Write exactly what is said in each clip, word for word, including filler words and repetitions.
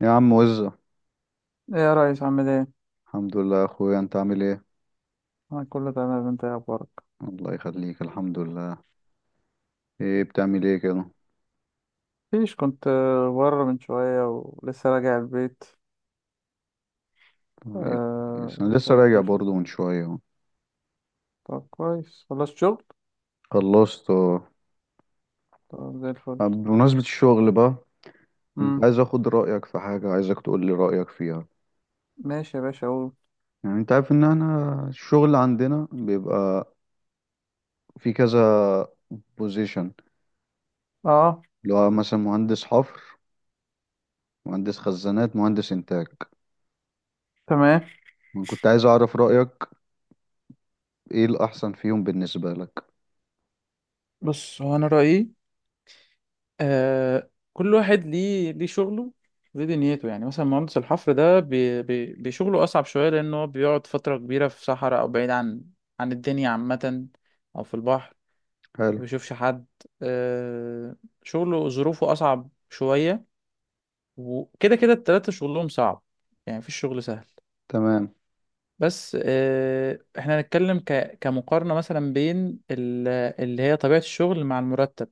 يا عم وزة. ايه يا ريس، عامل ايه؟ الحمد لله يا اخويا، انت عامل ايه؟ انا كله تمام، انت ايه اخبارك؟ الله يخليك، الحمد لله. ايه بتعمل ايه كده؟ مفيش، كنت آه، بره من شوية ولسه راجع البيت. طيب آه. كويس، انا لسه قلت راجع اشوف. برضو من شوية اهو. طب كويس، خلصت شغل؟ خلصت اه. طب زي الفل. طب بمناسبة الشغل بقى، كنت امم. عايز اخد رأيك في حاجة، عايزك تقول لي رأيك فيها. ماشي يا باشا اقول. يعني انت عارف ان انا الشغل عندنا بيبقى في كذا بوزيشن، اه. اللي هو مثلا مهندس حفر، مهندس خزانات، مهندس انتاج. تمام. انا كنت عايز اعرف رأيك، ايه الاحسن فيهم بالنسبة لك. بص، هو انا رأيي آه كل واحد ليه ليه شغله، ليه دنيته. يعني مثلا مهندس الحفر ده بي بي بشغله اصعب شوية، لانه هو بيقعد فترة كبيرة في صحراء او بعيد عن عن الدنيا عامة، او في البحر، حلو. ما بيشوفش حد. آه، شغله ظروفه أصعب شوية، وكده كده التلاتة شغلهم صعب، يعني مفيش شغل سهل. تمام. بس آه، احنا هنتكلم ك... كمقارنة مثلا بين ال... اللي هي طبيعة الشغل مع المرتب.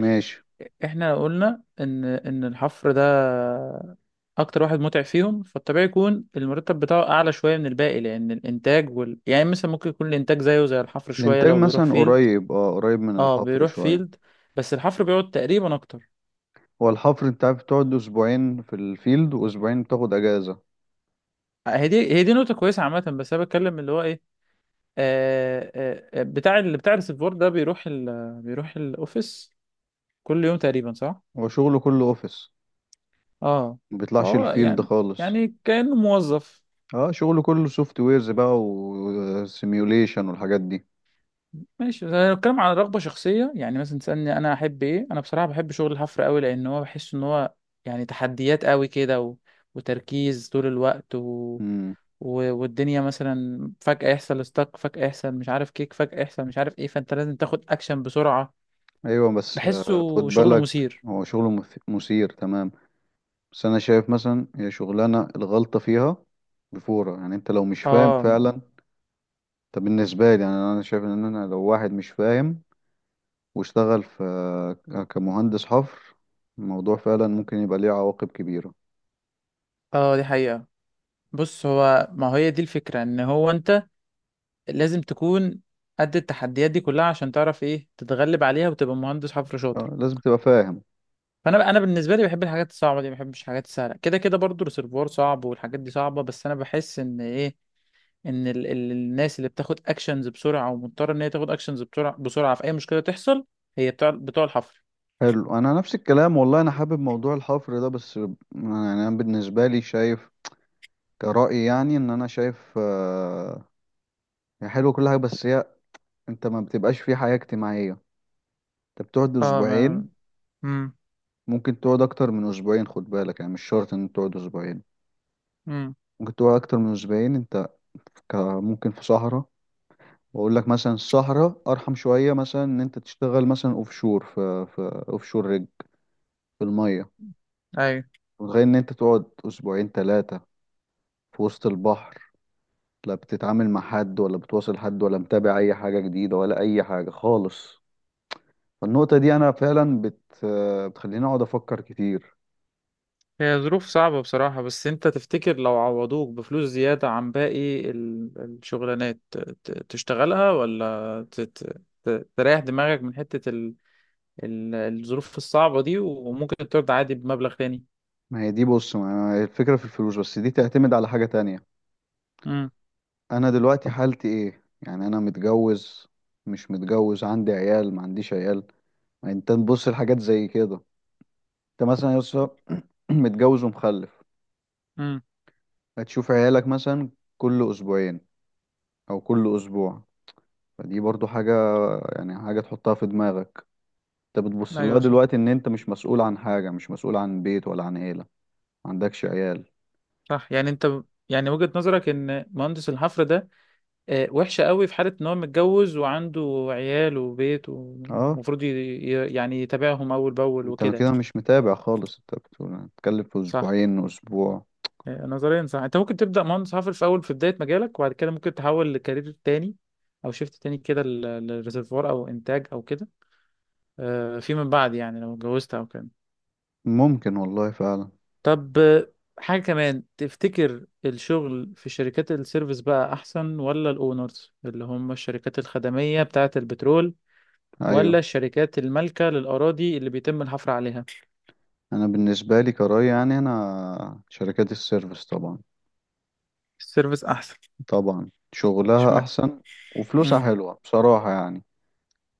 ماشي. احنا لو قلنا ان ان الحفر ده اكتر واحد متعب فيهم، فالطبيعي يكون المرتب بتاعه اعلى شوية من الباقي، لان الانتاج وال... يعني مثلا ممكن يكون الانتاج زيه زي الحفر شوية الانتاج لو بيروح مثلا فيلد. قريب، اه قريب من اه، الحفر بيروح شويه. فيلد، بس الحفر بيقعد تقريبا اكتر. هو الحفر انت عارف بتقعد اسبوعين في الفيلد واسبوعين بتاخد اجازه. هي دي هي دي نقطة كويسة عامة، بس أنا بتكلم اللي هو إيه، آه آه آه، بتاع اللي بتاع الريسيفور ده بيروح ال بيروح الأوفيس كل يوم تقريبا، صح؟ هو شغله كله اوفيس، أه. ما بيطلعش فهو الفيلد يعني، خالص. يعني كأنه موظف. اه شغله كله سوفت ويرز بقى وسيميوليشن والحاجات دي. ماشي، بس أنا بتكلم عن رغبة شخصية. يعني مثلا تسألني أنا أحب إيه؟ أنا بصراحة بحب شغل الحفر أوي، لأن هو بحس إن هو يعني تحديات أوي كده، و... وتركيز طول الوقت، و... امم و- والدنيا مثلا فجأة يحصل ستاك، فجأة يحصل مش عارف كيك، فجأة يحصل مش عارف ايه، فانت لازم تاخد اكشن بسرعة. ايوه بس بحسه آه، خد شغله بالك. مثير. هو شغله مث- مثير تمام. بس انا شايف مثلا هي شغلانه الغلطه فيها بفوره، يعني انت لو مش فاهم اه. فعلا. طب بالنسبه لي يعني انا شايف ان انا لو واحد مش فاهم واشتغل في كمهندس حفر، الموضوع فعلا ممكن يبقى ليه عواقب كبيرة. اه، دي حقيقة. بص، هو ما هي دي الفكرة، ان هو انت لازم تكون قد التحديات دي كلها، عشان تعرف ايه تتغلب عليها وتبقى مهندس حفر شاطر. آه، لازم تبقى فاهم. فانا انا بالنسبة لي بحب الحاجات الصعبة دي، ما بحبش الحاجات السهلة، كده كده برضو الريسيرفوار صعب والحاجات دي صعبة. بس انا بحس ان ايه، ان ال ال الناس اللي بتاخد اكشنز بسرعة، ومضطرة ان هي تاخد اكشنز بسرعة بسرعة في اي مشكلة تحصل، هي بتاع بتوع الحفر. حلو انا نفس الكلام والله، انا حابب موضوع الحفر ده بس يعني انا بالنسبة لي شايف كرأي، يعني ان انا شايف آه، هي حلوة كل حاجة بس هي انت ما بتبقاش في حياة اجتماعية، انت بتقعد اه. ما... اسبوعين. مم. ممكن تقعد اكتر من اسبوعين، خد بالك، يعني مش شرط ان تقعد اسبوعين. مم. ممكن تقعد اكتر من اسبوعين انت، ك- ممكن في صحراء. واقول لك مثلا السهرة ارحم شوية، مثلا ان انت تشتغل مثلا اوف شور، في في اوف شور رجل في المية. ايوه. متخيل ان انت تقعد اسبوعين ثلاثة في وسط البحر؟ لا بتتعامل مع حد ولا بتواصل حد ولا متابع اي حاجة جديدة ولا اي حاجة خالص. فالنقطة دي انا فعلا بت بتخليني اقعد افكر كتير. هي ظروف صعبة بصراحة، بس انت تفتكر لو عوضوك بفلوس زيادة عن باقي ال- الشغلانات، ت- ت- تشتغلها، ولا ت- ت- ت- تريح دماغك من حتة ال- ال- الظروف الصعبة دي، وممكن ترضى عادي بمبلغ تاني. ما هي دي بص، ما هي الفكرة في الفلوس، بس دي تعتمد على حاجة تانية. امم. انا دلوقتي حالتي ايه؟ يعني انا متجوز مش متجوز، عندي عيال ما عنديش عيال. يعني انت تبص لحاجات زي كده. انت مثلا يا اسطى متجوز ومخلف، امم. هتشوف عيالك مثلا كل اسبوعين او كل اسبوع. فدي برضو حاجة، يعني حاجة تحطها في دماغك. انت بتبص لها ايوه صح. دلوقتي ان انت مش مسؤول عن حاجة، مش مسؤول عن بيت ولا عن عيلة، ما عندكش عيال. صح، يعني انت ب- يعني وجهة نظرك ان مهندس الحفر ده آه، وحشة قوي في حالة ان هو متجوز وعنده عيال وبيت، اه ومفروض ي- ي- يعني يتابعهم اول باول انت وكده كده يعني. مش متابع خالص، انت بتقول هتتكلم في صح. اسبوعين اسبوع. آه، نظريا صح، انت ممكن تبدا مهندس حفر في اول في بدايه مجالك، وبعد كده ممكن تحول لكارير تاني، او شيفت تاني كده لل- للريزرفوار او انتاج او كده، آه، فيما بعد يعني لو اتجوزت او كده. ممكن والله فعلا. طب آه، حاجه كمان، تفتكر الشغل في شركات السيرفيس بقى احسن، ولا الاونرز اللي هم الشركات الخدميه بتاعه البترول، ولا ايوه الشركات المالكه للاراضي اللي بيتم الحفر عليها؟ انا بالنسبة لي كراي، يعني انا شركات السيرفيس طبعا. السيرفيس احسن. طبعا شغلها اشمعنى؟ احسن وفلوسها امم. حلوة بصراحة يعني.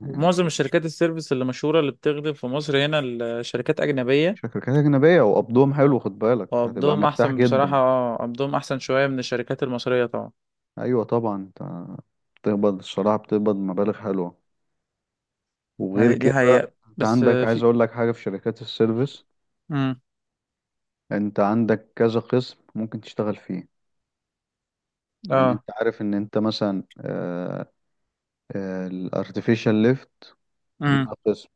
يعني معظم الشركات السيرفيس اللي مشهورة اللي بتخدم في مصر هنا الشركات أجنبية. شركات أجنبية وقبضهم حلو، خد بالك هتبقى وقبضهم مرتاح احسن بصراحة، جدا. اه قبضهم احسن شوية من الشركات المصرية طبعا. أيوة طبعا، أنت بتقبض الصراحة بتقبض مبالغ حلوة. ما وغير دي دي كده حقيقة. أنت بس عندك، آه، عايز في. أقول لك حاجة في شركات السيرفيس. امم. أنت عندك كذا قسم ممكن تشتغل فيه. يعني أنت اه. عارف إن أنت مثلا الأرتفيشال ليفت امم. ليها قسم،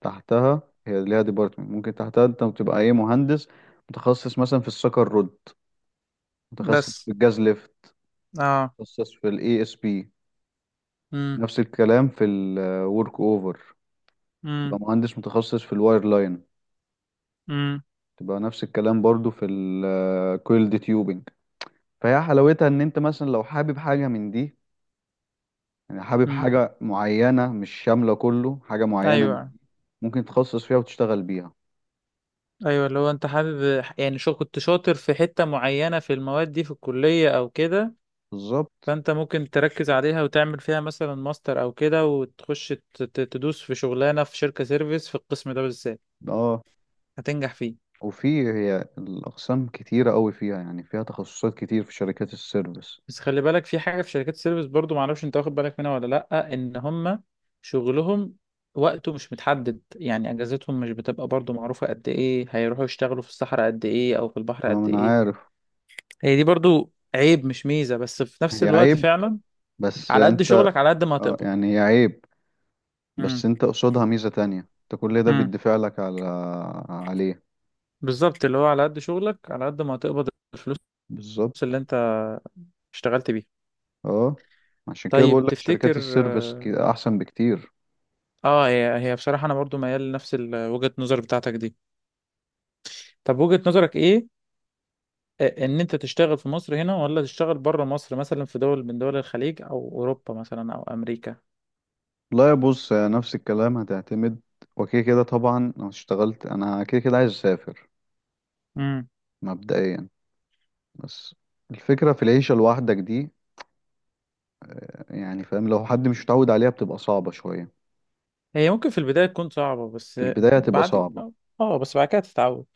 تحتها هي ليها ديبارتمنت، ممكن تحتها أنت بتبقى إيه، مهندس متخصص مثلا في السكر رود، متخصص بس. في الجاز ليفت، اه. متخصص في الاي اس بي. امم. نفس الكلام في الورك اوفر، تبقى امم. مهندس متخصص في الواير لاين. امم. تبقى نفس الكلام برضو في الكويلد تيوبنج. فهي حلاوتها ان انت مثلا لو حابب حاجة من دي، يعني حابب امم. حاجة معينة مش شاملة كله، حاجة معينة من ايوه. دي، ممكن تتخصص فيها وتشتغل بيها. ايوه، اللي هو انت حابب، يعني شو كنت شاطر في حتة معينة في المواد دي في الكلية او كده. بالظبط. فانت ممكن تركز عليها وتعمل فيها مثلا ماستر او كده، وتخش ت- ت- تدوس في شغلانة في شركة سيرفيس في القسم ده بالذات، اه هتنجح فيه. وفي هي الأقسام كتيرة قوي فيها، يعني فيها تخصصات كتير في شركات السيرفيس. بس خلي بالك، في حاجة في شركات السيرفيس برضو، معرفش انت واخد بالك منها ولا لأ، ان هم شغلهم وقته مش متحدد. يعني اجازتهم مش بتبقى برضو معروفة، قد ايه هيروحوا يشتغلوا في الصحراء قد ايه، او في البحر اه ما قد انا ايه. عارف. هي دي برضو عيب مش ميزة، بس في نفس هي الوقت عيب فعلا بس على قد انت، شغلك على قد ما اه هتقبض. يعني هي عيب بس امم. انت قصادها ميزة تانية، انت كل ده امم. بيدفع لك على عليه. بالظبط، اللي هو على قد شغلك على قد ما هتقبض، الفلوس بالظبط. اللي انت اشتغلت بيها. اه عشان كده طيب بقول لك شركات تفتكر، السيرفيس ك- احسن بكتير. اه، هي هي بصراحة انا برضو ميال لنفس ال- وجهة النظر بتاعتك دي. طب وجهة نظرك ايه، آه، ان انت تشتغل في مصر هنا، ولا تشتغل بره مصر، مثلا في دول من دول الخليج، او اوروبا مثلا، او امريكا؟ لا يا بص، يا نفس الكلام هتعتمد، وكده كده طبعا لو اشتغلت انا كده كده عايز اسافر امم. مبدئيا. بس الفكرة في العيشة لوحدك دي، يعني فاهم لو حد مش متعود عليها بتبقى صعبة شوية. هي ممكن في البداية تكون صعبة، بس في البداية هتبقى بعد صعبة. اه آه، بس بعد كده تتعود.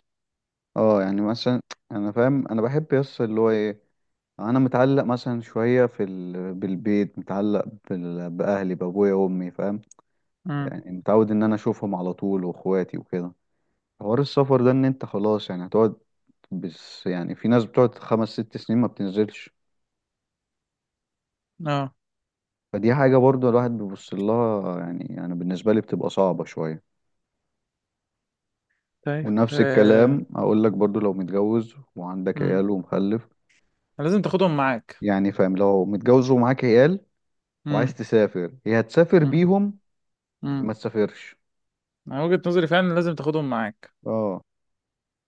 اه يعني مثلا انا فاهم، انا بحب يس اللي هو ايه، انا متعلق مثلا شويه في ال... بالبيت، متعلق بال... باهلي، بابويا وامي، فاهم. امم. يعني متعود ان انا اشوفهم على طول واخواتي وكده. حوار السفر ده ان انت خلاص يعني هتقعد، بس يعني في ناس بتقعد خمس ست سنين ما بتنزلش. اه. فدي حاجه برضو الواحد بيبص لها، يعني انا بالنسبه لي بتبقى صعبه شويه. طيب ونفس آه، الكلام اقول لك برضو لو متجوز وعندك امم. عيال ومخلف. لازم تاخدهم معاك. يعني فاهم لو متجوز ومعاك عيال امم. وعايز تسافر، يا هتسافر امم. بيهم يا امم. ما تسافرش. انا وجهة نظري فعلا لازم تاخدهم معاك. اه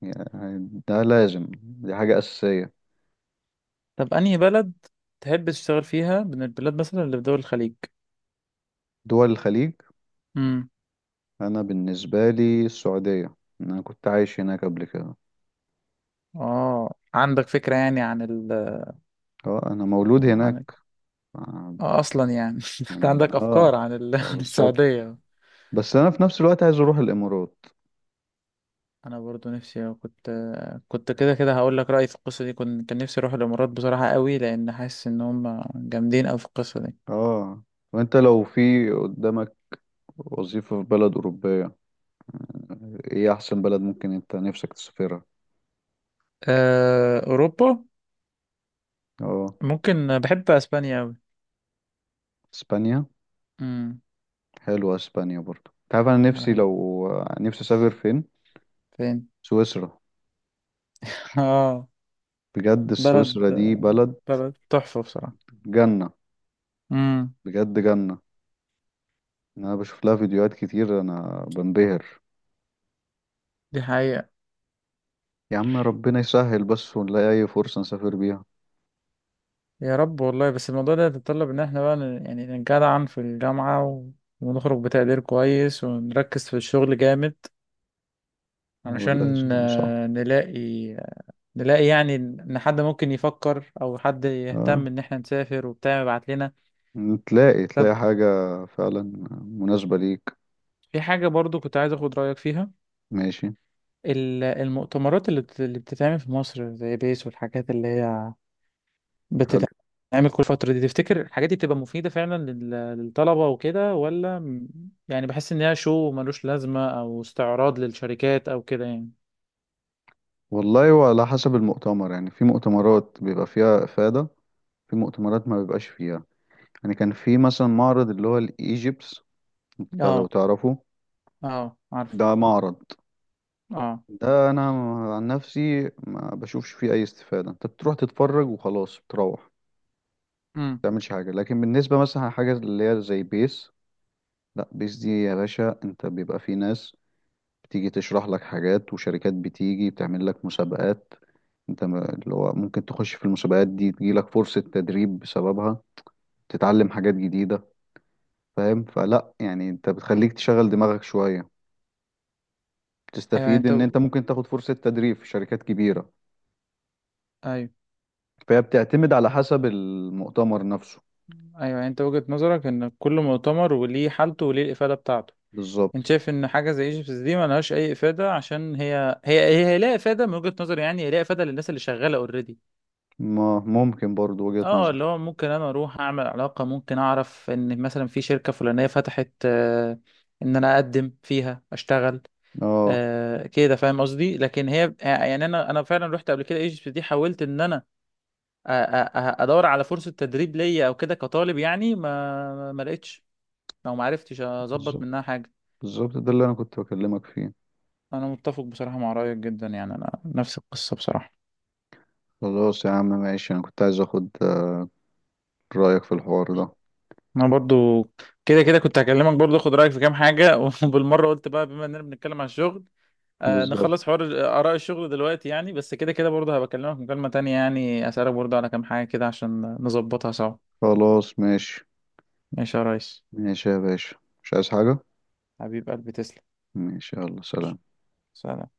يعني ده لازم، دي حاجة أساسية. طب انهي بلد تحب تشتغل فيها من البلاد، مثلا اللي في دول الخليج؟ دول الخليج، امم. أنا بالنسبة لي السعودية. أنا كنت عايش هناك قبل كده. اه، عندك فكرة يعني عن ال... أه أنا مولود هناك. عن آه، آه، اصلا يعني انت يعني أنا عندك أه افكار عن ال... آه، عن بالظبط. السعوديه. بس أنا في نفس الوقت عايز أروح الإمارات. انا برضو نفسي كنت، كنت كده كده هقول لك رايي في القصه دي، كنت كان نفسي اروح الامارات بصراحه قوي، لان حاسس ان هم جامدين قوي في القصه دي. أه وأنت لو في قدامك وظيفة في بلد أوروبية، إيه أحسن بلد ممكن أنت نفسك تسافرها؟ أه... اوروبا، أه ممكن، بحب اسبانيا قوي. إسبانيا. امم. حلوة إسبانيا برضه. أنت عارف أنا أنا نفسي بحب. لو آه، نفسي أسافر فين؟ فين؟ سويسرا. اه. بجد بلد، سويسرا دي بلد بلد تحفه بصراحه. جنة، امم. بجد جنة. يعني انا بشوف لها فيديوهات كتير انا بنبهر. دي حقيقه. يا عم ربنا يسهل بس ونلاقي اي فرصة نسافر بيها. يا رب والله، بس الموضوع ده يتطلب ان احنا بقى ن- يعني نجدعن في الجامعه، و... ونخرج بتقدير كويس ونركز في الشغل جامد، هو علشان لازم صح. آه، نلاقي، نلاقي يعني ان حد ممكن يفكر، او حد اه يهتم ان احنا نسافر وبتاع يبعت لنا. تلاقي طب تلاقي حاجة فعلا مناسبة ليك. في حاجة برضو كنت عايز اخد رأيك فيها، ماشي. ال- المؤتمرات اللي بت- اللي بتتعمل في مصر زي بيس والحاجات اللي هي حلو بتتعمل كل فترة دي، تفتكر الحاجات دي بتبقى مفيدة فعلا لل- للطلبة وكده، ولا م- يعني بحس ان هي شو ملوش لازمة، او استعراض للشركات او كده يعني؟ والله، وعلى حسب المؤتمر يعني، في مؤتمرات بيبقى فيها إفادة، في مؤتمرات ما بيبقاش فيها. يعني كان في مثلا معرض اللي هو الإيجيبس بتاع، لو اه. تعرفه. اه، عارف. ده معرض، اه. ده انا عن نفسي ما بشوفش فيه اي استفادة، انت بتروح تتفرج وخلاص، بتروح امم. تعملش حاجة. لكن بالنسبة مثلا حاجة اللي هي زي بيس، لا بيس دي يا باشا، انت بيبقى في ناس بتيجي تشرح لك حاجات، وشركات بتيجي بتعمل لك مسابقات. انت ما- اللي هو ممكن تخش في المسابقات دي تجيلك فرصة تدريب بسببها، تتعلم حاجات جديدة. فاهم؟ فلا يعني انت بتخليك تشغل دماغك شوية، ايوه يعني تستفيد انت. ان انت ممكن تاخد فرصة تدريب في شركات كبيرة. ايوه. فهي بتعتمد على حسب المؤتمر نفسه. ايوه، يعني انت وجهة نظرك ان كل مؤتمر وليه حالته وليه الافاده بتاعته. انت بالظبط. شايف ان حاجه زي ايجيبتس دي ما لهاش اي افاده، عشان هي هي هي, هي لها افاده من وجهة نظري، يعني هي لها افاده للناس اللي شغاله اوريدي. ما ممكن برضو وجهة اه، نظر. اللي هو ممكن انا اروح اعمل علاقه، ممكن اعرف ان مثلا في شركه فلانيه فتحت آه ان انا اقدم فيها اشتغل. اه آه كده فاهم قصدي، لكن هي يعني انا انا فعلا رحت قبل كده ايجيبتس دي، حاولت ان انا أ- أ- أ- ادور على فرصه تدريب ليا او كده كطالب يعني، ما ما لقيتش، لو ما عرفتش اظبط بالظبط. منها حاجه. بالظبط ده اللي انا كنت بكلمك فيه. انا متفق بصراحه مع رايك جدا، يعني انا نفس القصه بصراحه. خلاص يا عم ماشي، انا كنت عايز اخد رأيك في الحوار ده. انا برضو كده كده كنت هكلمك برضو اخد رايك في كام حاجه وبالمره قلت بقى بما اننا بنتكلم عن الشغل آه بالظبط. نخلص حوار اراء الشغل دلوقتي يعني. بس كده كده برضو هبكلمك مكالمه تانية، يعني اسالك برضو على كام حاجه كده، عشان نظبطها سوا. خلاص ماشي. ماشي يا ريس. ماشي يا باشا، مش عايز حاجة. حبيب قلبي تسلم. ماشي، يلا سلام. سلام.